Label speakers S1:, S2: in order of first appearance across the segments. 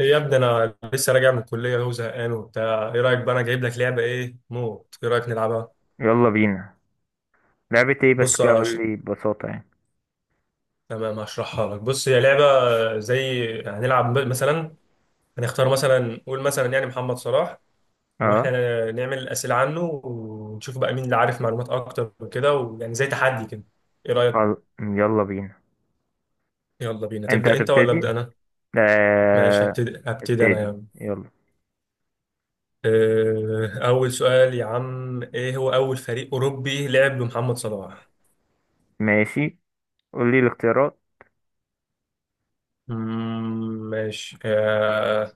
S1: يا ابني، انا لسه راجع من الكليه وهو زهقان وبتاع. ايه رايك بقى؟ انا جايب لك لعبه ايه موت، ايه رايك نلعبها؟
S2: يلا بينا. لعبة ايه بس
S1: بص
S2: كده؟
S1: أنا
S2: قول
S1: هش-
S2: لي ببساطة يعني.
S1: تمام، هشرحها لك. بص، هي لعبه زي هنلعب مثلا، هنختار مثلا، نقول مثلا يعني محمد صلاح،
S2: اه
S1: واحنا نعمل اسئله عنه، ونشوف بقى مين اللي عارف معلومات اكتر وكده، ويعني زي تحدي كده. ايه رايك؟
S2: يلا بينا.
S1: يلا بينا،
S2: انت
S1: تبدا انت ولا
S2: هتبتدي.
S1: ابدا انا؟ ماشي،
S2: آه...
S1: هبتدي انا
S2: ابتدي
S1: يعني.
S2: يلا.
S1: اول سؤال يا عم، ايه هو اول فريق اوروبي لعب بمحمد صلاح؟
S2: ماشي، قول لي الاختيارات.
S1: ماشي.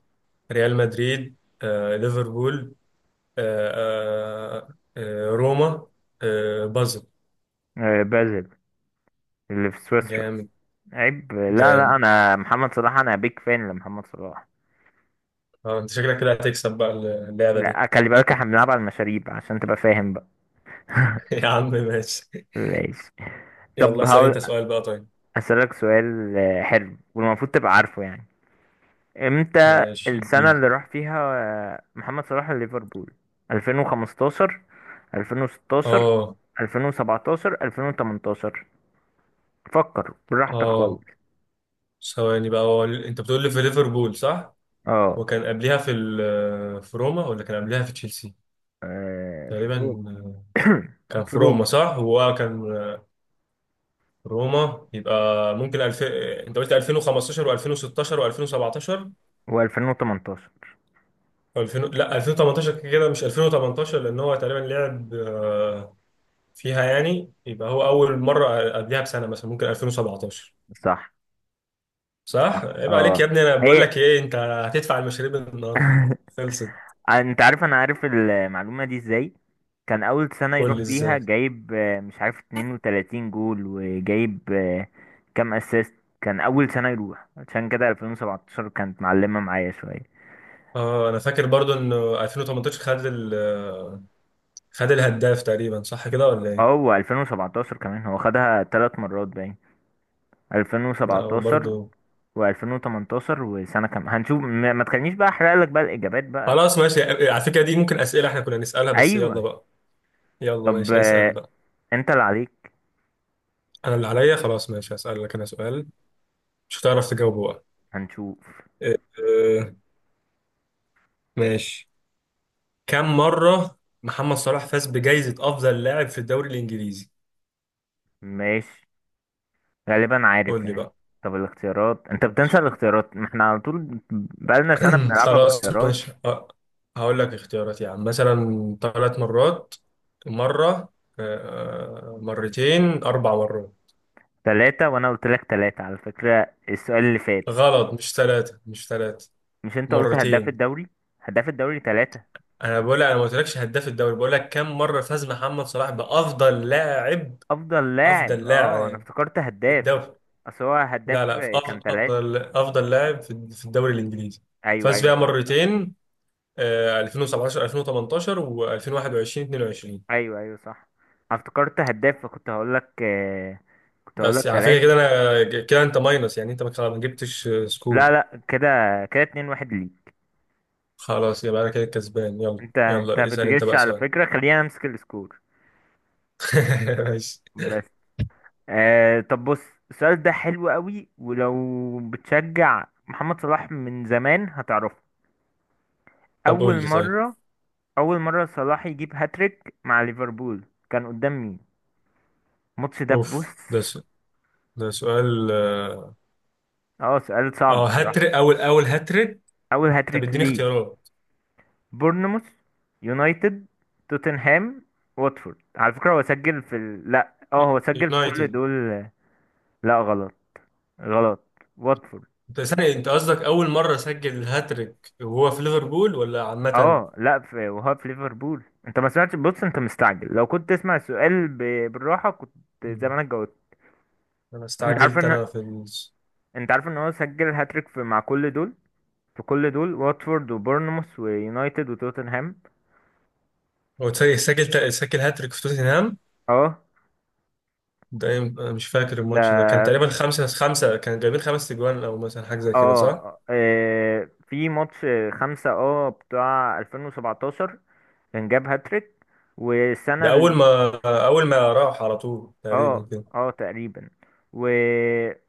S1: ريال مدريد، ليفربول، روما، بازل.
S2: بازل، اللي في سويسرا.
S1: جامد.
S2: عيب، لا لا،
S1: جامد.
S2: انا محمد صلاح، انا بيك فان لمحمد صلاح.
S1: انت شكلك كده هتكسب بقى اللعبة دي.
S2: لا، خلي بالك احنا بنلعب على المشاريب عشان تبقى فاهم بقى.
S1: يا عم ماشي.
S2: ماشي.
S1: يلا
S2: طب
S1: اسأل
S2: هقول
S1: انت سؤال بقى، طيب.
S2: اسألك سؤال. حلو والمفروض تبقى عارفه يعني. امتى
S1: ماشي،
S2: السنة
S1: اديني.
S2: اللي راح فيها محمد صلاح ليفربول؟ 2015، 2016،
S1: اه.
S2: 2017، 2018. فكر براحتك خالص.
S1: اه، ثواني بقى. هو انت بتقول لي في ليفربول صح؟
S2: اه.
S1: وكان قبلها في روما ولا كان قبلها في تشيلسي؟
S2: في
S1: تقريبا.
S2: روما.
S1: كان
S2: في
S1: في روما
S2: روما.
S1: صح؟ هو كان روما يبقى. انت قلت 2015 و2016 و2017.
S2: و2018.
S1: 2000، لا، 2018. كده كده مش 2018، لان هو تقريبا لعب فيها يعني. يبقى هو اول مره قبلها بسنه، مثلا ممكن 2017.
S2: صح صح.
S1: صح. عيب عليك يا
S2: اه.
S1: ابني، انا بقول
S2: هي.
S1: لك ايه؟ انت هتدفع المشاريب النهارده، خلصت.
S2: انت عارف انا عارف المعلومة دي ازاي؟ كان اول سنة
S1: قول
S2: يروح
S1: لي
S2: فيها
S1: ازاي.
S2: جايب مش عارف 32 جول، وجايب كام اسيست. كان اول سنة يروح، عشان كده 2017 كانت معلمة معايا شوية.
S1: اه، انا فاكر برضو ان 2018 خد ال... آه، خد الهداف تقريبا، صح كده ولا
S2: اه
S1: ايه؟
S2: هو 2017 كمان هو خدها ثلاث مرات باين.
S1: لا
S2: 2017
S1: برضو.
S2: و2018 وسنة كام هنشوف، ما تخلينيش بقى احرق لك بقى الاجابات بقى.
S1: خلاص ماشي. على فكره دي ممكن اسئله احنا كنا نسالها، بس
S2: ايوه.
S1: يلا بقى. يلا
S2: طب
S1: ماشي، اسأل بقى.
S2: انت اللي عليك.
S1: انا اللي عليا خلاص، ماشي. هسألك انا سؤال، مش هتعرف تجاوبه بقى.
S2: هنشوف.
S1: أه آه، ماشي. كم مرة محمد صلاح فاز بجائزة افضل لاعب في الدوري الانجليزي؟
S2: ماشي، غالبا عارف
S1: قول لي
S2: يعني.
S1: بقى.
S2: طب الاختيارات، انت بتنسى
S1: ماشي.
S2: الاختيارات، ما احنا على طول بقالنا سنة بنلعبها
S1: خلاص
S2: باختيارات.
S1: ماشي. هقول لك اختيارات، يعني مثلا ثلاث مرات، مرة، آه، مرتين، اربع مرات.
S2: ثلاثة، وانا قلت لك ثلاثة على فكرة السؤال اللي فات.
S1: غلط، مش ثلاثة، مش ثلاثة،
S2: مش انت قلت هداف
S1: مرتين.
S2: الدوري؟ هداف الدوري ثلاثة.
S1: انا بقول لك، انا ما قلتلكش هداف الدوري، بقول لك كم مرة فاز محمد صلاح بافضل لاعب.
S2: افضل لاعب،
S1: افضل
S2: اه انا
S1: لاعب
S2: افتكرت
S1: في
S2: هداف.
S1: الدوري.
S2: اصل هو هداف.
S1: لا لا، في
S2: كان
S1: افضل،
S2: ثلاثة.
S1: افضل لاعب في الدوري الانجليزي.
S2: ايوه
S1: فاز
S2: ايوه،
S1: بيها
S2: صح صح.
S1: مرتين. 2017 2018 و2021 22.
S2: ايوه ايوه، صح. أنا افتكرت هداف، فكنت هقول لك كنت هقول لك
S1: بس على فكره كده،
S2: ثلاثة.
S1: كده انت ماينس يعني، انت ما خلاص ما جبتش سكور.
S2: لا لا، كده كده اتنين واحد ليك.
S1: خلاص يبقى انا كده كسبان. يلا
S2: انت
S1: يلا، اسال انت
S2: بتغش
S1: بقى
S2: على
S1: سؤال.
S2: فكرة، خلينا امسك السكور.
S1: ماشي.
S2: بس. طب بص، السؤال ده حلو قوي، ولو بتشجع محمد صلاح من زمان هتعرفه.
S1: طب
S2: اول
S1: قول لي طيب.
S2: مره اول مره صلاح يجيب هاتريك مع ليفربول كان قدام مين؟ الماتش ده،
S1: اوف،
S2: بص.
S1: ده سؤال. ده سؤال اه.
S2: اه، سؤال صعب الصراحه.
S1: هاتريك، اول هاتريك.
S2: اول
S1: طب
S2: هاتريك
S1: اديني
S2: ليه.
S1: اختيارات.
S2: بورنموث، يونايتد، توتنهام، واتفورد. على فكره هو سجل لا، اه هو سجل في كل
S1: يونايتد.
S2: دول. لا، غلط غلط. واتفورد.
S1: انت ثانية، انت قصدك اول مرة سجل الهاتريك وهو في ليفربول ولا عامة؟
S2: اه، لا، في وهو في ليفربول. انت ما سمعتش، بص انت مستعجل، لو كنت تسمع السؤال بالراحه، كنت
S1: مم.
S2: زمانك جاوبت.
S1: انا
S2: انت عارف
S1: استعجلت،
S2: ان انت عارف ان هو سجل هاتريك مع كل دول. في كل دول، واتفورد وبورنموث ويونايتد وتوتنهام.
S1: هو ثانية سجل هاتريك في توتنهام؟
S2: اه.
S1: انا مش فاكر
S2: ده
S1: الماتش ده، كان تقريبا
S2: اه.
S1: خمسة خمسة، كان جايبين خمس تجوان او مثلا حاجة زي كده صح؟
S2: في ماتش خمسة، اه، بتاع 2017، كان جاب هاتريك.
S1: ده
S2: والسنة،
S1: اول ما راح على طول تقريبا
S2: اه.
S1: كده.
S2: اه تقريبا. و...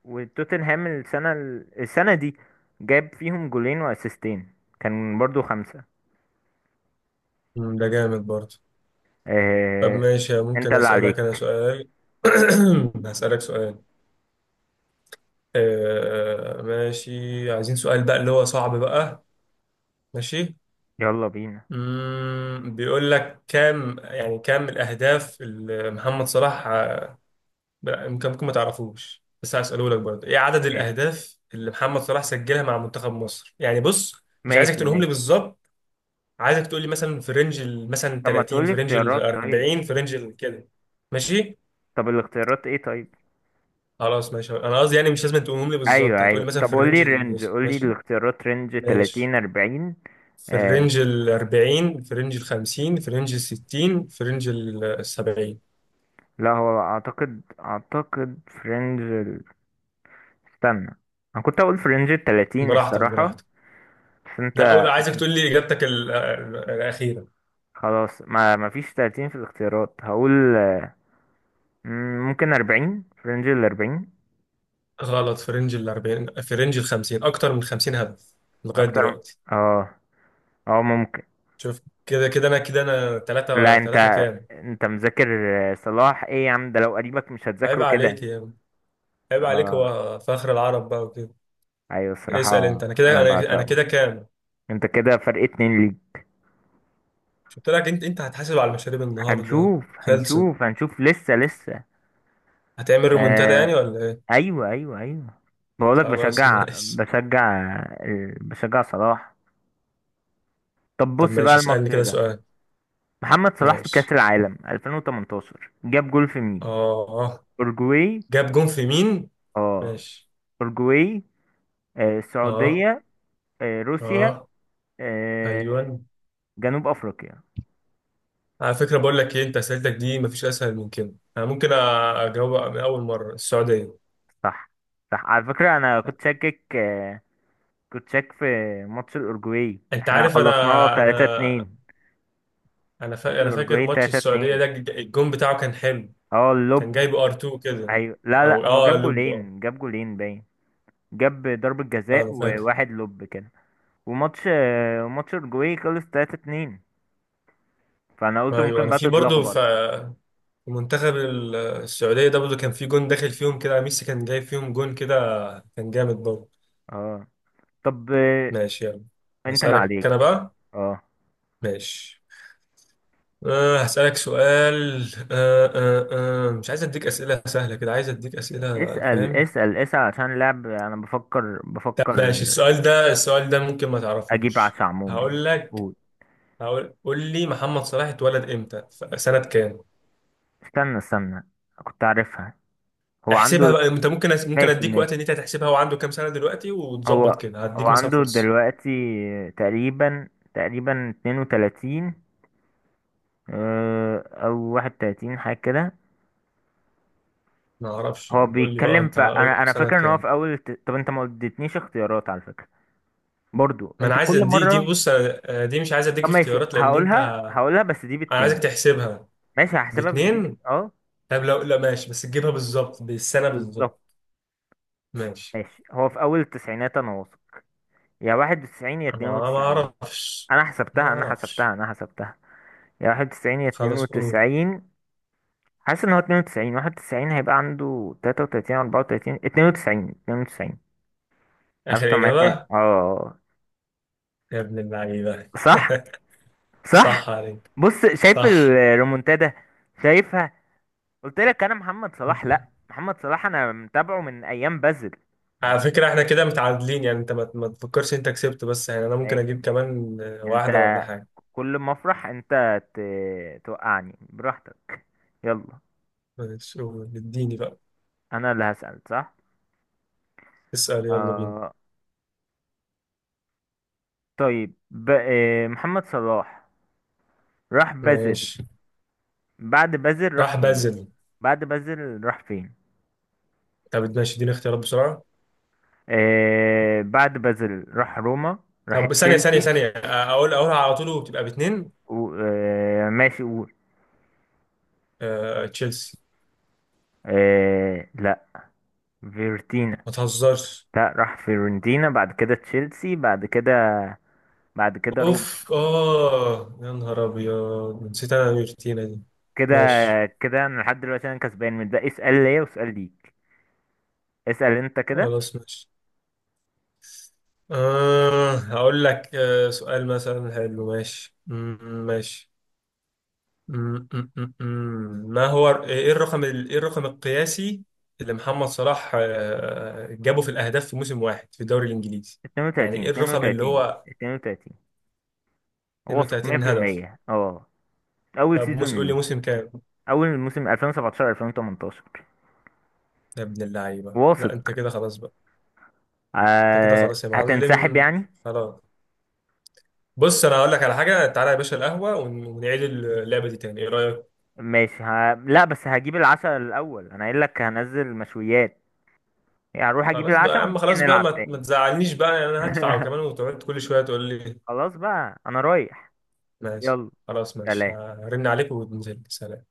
S2: وتوتنهام السنة، السنة دي جاب فيهم جولين واسيستين، كان برضو خمسة.
S1: ده جامد برضه. طب
S2: آه...
S1: ماشي،
S2: انت
S1: ممكن
S2: اللي
S1: اسألك
S2: عليك.
S1: انا سؤال؟ هسألك سؤال. ماشي، عايزين سؤال بقى اللي هو صعب بقى. ماشي.
S2: يلا بينا.
S1: بيقول لك كام، يعني كام الاهداف اللي محمد صلاح، يمكن ممكن ما تعرفوش، بس هسأله لك برضه. ايه عدد
S2: ايه؟
S1: الاهداف اللي محمد صلاح سجلها مع منتخب مصر يعني؟ بص مش عايزك
S2: ماشي
S1: تقولهم لي
S2: ماشي.
S1: بالظبط. عايزك تقول لي مثلا في مثلا
S2: طب ما
S1: 30،
S2: تقولي
S1: في رينج ال
S2: اختيارات طيب.
S1: 40، في رينج ال كده. ماشي.
S2: طب الاختيارات ايه طيب؟
S1: خلاص ماشي، انا قصدي يعني مش لازم تقولهم لي بالظبط،
S2: ايوه
S1: هتقول لي
S2: ايوه،
S1: مثلا
S2: طب
S1: في
S2: قولي
S1: الرينج ال.
S2: الرينج، قولي
S1: ماشي.
S2: الاختيارات، رينج
S1: ماشي.
S2: 30 40.
S1: في
S2: آه...
S1: الرينج ال 40، في رينج ال 50، في رينج ال 60، في رينج ال 70.
S2: لا هو اعتقد، استنى، انا كنت اقول في رينج ال 30
S1: براحتك
S2: الصراحة.
S1: براحتك.
S2: بس
S1: لا
S2: انت
S1: عايزك تقول لي اجابتك الاخيره.
S2: خلاص، ما فيش 30 في الاختيارات، هقول ممكن 40، في رينج ال 40.
S1: غلط. في رينج ال 40، في رينج ال 50، اكتر من 50 هدف لغايه
S2: اكتر م-
S1: دلوقتي.
S2: اه. اه ممكن.
S1: شوف، كده انا كده، انا
S2: لا،
S1: ثلاثة
S2: انت
S1: ثلاثة كام؟
S2: انت مذاكر. صلاح ايه يا عم، ده لو قريبك مش
S1: عيب
S2: هتذاكره كده.
S1: عليك يا عم. عيب عليك،
S2: اه
S1: هو فخر العرب بقى وكده.
S2: ايوه
S1: اسال
S2: الصراحة
S1: انت. انا كده،
S2: انا
S1: انا
S2: بعشقه.
S1: كده كام؟
S2: انت كده فرق اتنين ليك.
S1: مش قلت لك، انت هتحاسب على المشاريب النهارده،
S2: هنشوف
S1: خلصت.
S2: هنشوف هنشوف، لسه لسه.
S1: هتعمل رومنتادا
S2: آه
S1: يعني ولا ايه؟
S2: ايوه ايوه ايوه، بقولك
S1: خلاص
S2: بشجع
S1: ماشي.
S2: بشجع، بشجع صلاح. طب
S1: طب
S2: بص بقى
S1: ماشي، اسالني
S2: الماتش
S1: كده
S2: ده،
S1: سؤال.
S2: محمد صلاح في كأس
S1: ماشي.
S2: العالم 2018 جاب جول في
S1: اه.
S2: مين؟
S1: آه.
S2: أورجواي.
S1: جاب جون في مين؟
S2: اه.
S1: ماشي.
S2: أورجواي،
S1: اه.
S2: السعودية، روسيا،
S1: اه.
S2: آه،
S1: ايوه.
S2: جنوب أفريقيا.
S1: على فكره، بقول لك ايه، انت اسئلتك دي مفيش اسهل من كده، انا ممكن اجاوب من اول مره. السعوديه.
S2: صح صح. على فكرة أنا كنت شاكك، كنت شاك في ماتش الأورجواي،
S1: انت
S2: احنا
S1: عارف
S2: خلصناه
S1: انا. انا
S2: 3-2. ماتش
S1: انا فاكر
S2: الأورجواي
S1: ماتش السعوديه
S2: 3-2،
S1: ده، الجون بتاعه كان حلو.
S2: اه
S1: كان
S2: اللوب.
S1: جايب ار 2 كده.
S2: أيوة، لا
S1: او
S2: لا هو
S1: اه،
S2: جاب
S1: لوب اه.
S2: جولين، جاب جولين باين. جاب ضربة جزاء
S1: انا فاكر.
S2: وواحد لوب كده. وماتش آه، ماتش الأورجواي خلص 3-2، فانا قلت
S1: ايوه
S2: ممكن
S1: انا
S2: بقى
S1: في برضه،
S2: تتلخبط.
S1: في منتخب السعوديه ده برضه كان في جون داخل فيهم كده، ميسي كان جايب فيهم جون كده، كان جامد برضه.
S2: اه. طب
S1: ماشي يلا.
S2: انت اللي
S1: هسألك انا
S2: عليك.
S1: بقى.
S2: اه
S1: ماشي. هسألك سؤال. أه أه أه مش عايز اديك أسئلة سهلة كده، عايز اديك أسئلة،
S2: اسأل
S1: فاهم؟
S2: اسأل اسأل، عشان اللعب انا بفكر
S1: طب
S2: بفكر.
S1: ماشي. السؤال ده ممكن ما
S2: اجيب
S1: تعرفوش.
S2: عشا عموما يعني.
S1: هقول لك.
S2: قول.
S1: قول لي محمد صلاح اتولد امتى، في سنة كام؟
S2: استنى استنى، كنت عارفها. هو
S1: احسبها
S2: عنده.
S1: بقى انت. ممكن
S2: ماشي
S1: اديك وقت
S2: ماشي.
S1: ان انت تحسبها وعنده كام سنة دلوقتي
S2: هو
S1: وتظبط كده،
S2: هو
S1: هديك مثلا
S2: عنده
S1: فرصة.
S2: دلوقتي تقريبا تقريبا 32، او 31 حاجة كده.
S1: ما اعرفش.
S2: هو
S1: قول لي بقى
S2: بيتكلم
S1: انت، قول لي
S2: انا
S1: في
S2: انا
S1: سنة
S2: فاكر ان هو
S1: كام.
S2: في طب انت ما اديتنيش اختيارات على فكرة، برضو
S1: ما
S2: انت
S1: انا عايز
S2: كل
S1: دي،
S2: مرة.
S1: بص أنا- آه، دي مش عايز
S2: طب
S1: اديك
S2: ماشي،
S1: اختيارات لان انت.
S2: هقولها هقولها، بس دي
S1: انا عايزك
S2: باتنين.
S1: تحسبها.
S2: ماشي هحسبها، بس
S1: باتنين.
S2: اه،
S1: طب لو لا، ماشي، بس تجيبها بالظبط، بالسنة بالظبط.
S2: بالظبط.
S1: ماشي.
S2: ماشي، هو في اول التسعينات انا واثق، يا واحد وتسعين يا اتنين
S1: ما ما
S2: وتسعين.
S1: اعرفش
S2: انا
S1: ما
S2: حسبتها انا
S1: اعرفش.
S2: حسبتها انا حسبتها، يا واحد وتسعين يا اتنين
S1: خلاص قول.
S2: وتسعين. حاسس ان هو اتنين وتسعين، واحد وتسعين هيبقى عنده تلاتة وتلاتين أربعة وتلاتين، اتنين وتسعين، اتنين وتسعين. عارف
S1: آخر
S2: طب ما اتنين-
S1: إجابة.
S2: اه.
S1: يا ابن اللعيبة!
S2: صح
S1: صح
S2: صح.
S1: عليك.
S2: بص شايف
S1: صح.
S2: الريمونتادا، شايفها؟ قلت لك انا محمد صلاح، لا محمد صلاح انا متابعه من ايام بازل.
S1: على فكرة، احنا كده متعادلين يعني، انت ما ما تفكرش انت كسبت، بس يعني انا ممكن
S2: ماشي
S1: اجيب
S2: ماشي.
S1: كمان
S2: انت
S1: واحدة ولا حاجة.
S2: كل ما افرح انت توقعني، براحتك. يلا.
S1: ماشي قول. اديني بقى.
S2: انا اللي هسأل، صح؟
S1: اسأل يلا بينا.
S2: آه طيب محمد صلاح راح بازل.
S1: ماشي.
S2: بعد بازل راح
S1: راح
S2: فين؟
S1: بازل.
S2: بعد بازل راح فين؟
S1: طب ماشي، اديني اختيارات بسرعة.
S2: بعد بازل راح روما، راح
S1: طب ثانية، ثانية،
S2: تشيلسي
S1: ثانية، اقول اقولها على طول وبتبقى باتنين.
S2: ماشي قول.
S1: تشيلسي.
S2: آه لا، فيورتينا.
S1: ما تهزرش.
S2: لا راح فيورنتينا، بعد كده تشيلسي، بعد كده روما.
S1: اوف اه، يا نهار ابيض، نسيت انا الروتينه دي.
S2: كده
S1: ماشي.
S2: كده انا لحد دلوقتي انا كسبان من ده، اسأل ليا واسأل ليك. اسأل انت كده.
S1: خلاص ماشي. هقول لك سؤال مثلا حلو. ماشي. ماشي. ما هو، ايه ايه الرقم القياسي اللي محمد صلاح جابه في الاهداف في موسم واحد في الدوري الانجليزي؟ يعني
S2: 32،
S1: ايه الرقم اللي
S2: 32،
S1: هو؟
S2: 32، واثق
S1: 32 هدف.
S2: 100%. اه اول
S1: طب موسم،
S2: سيزون
S1: قول لي
S2: ليه.
S1: موسم كام.
S2: اول موسم 2017 2018.
S1: يا ابن اللعيبه! لا
S2: واثق.
S1: انت كده خلاص بقى. انت كده خلاص يا
S2: هتنسحب
S1: معلم.
S2: يعني؟
S1: خلاص. بص انا هقول لك على حاجه، تعالى يا باشا القهوه ونعيد اللعبه دي تاني، ايه رايك؟
S2: ماشي لا بس هجيب العشاء الاول، انا قايل لك هنزل مشويات، يعني هروح اجيب
S1: خلاص بقى يا
S2: العشاء
S1: عم،
S2: ونيجي
S1: خلاص بقى
S2: نلعب
S1: ما
S2: تاني.
S1: تزعلنيش بقى يعني، انا هدفع وكمان وتقعد كل شويه تقول لي.
S2: خلاص بقى انا رايح.
S1: ماشي.
S2: يلا.
S1: خلاص ماشي،
S2: سلام.
S1: هرن عليك وننزل، سلام.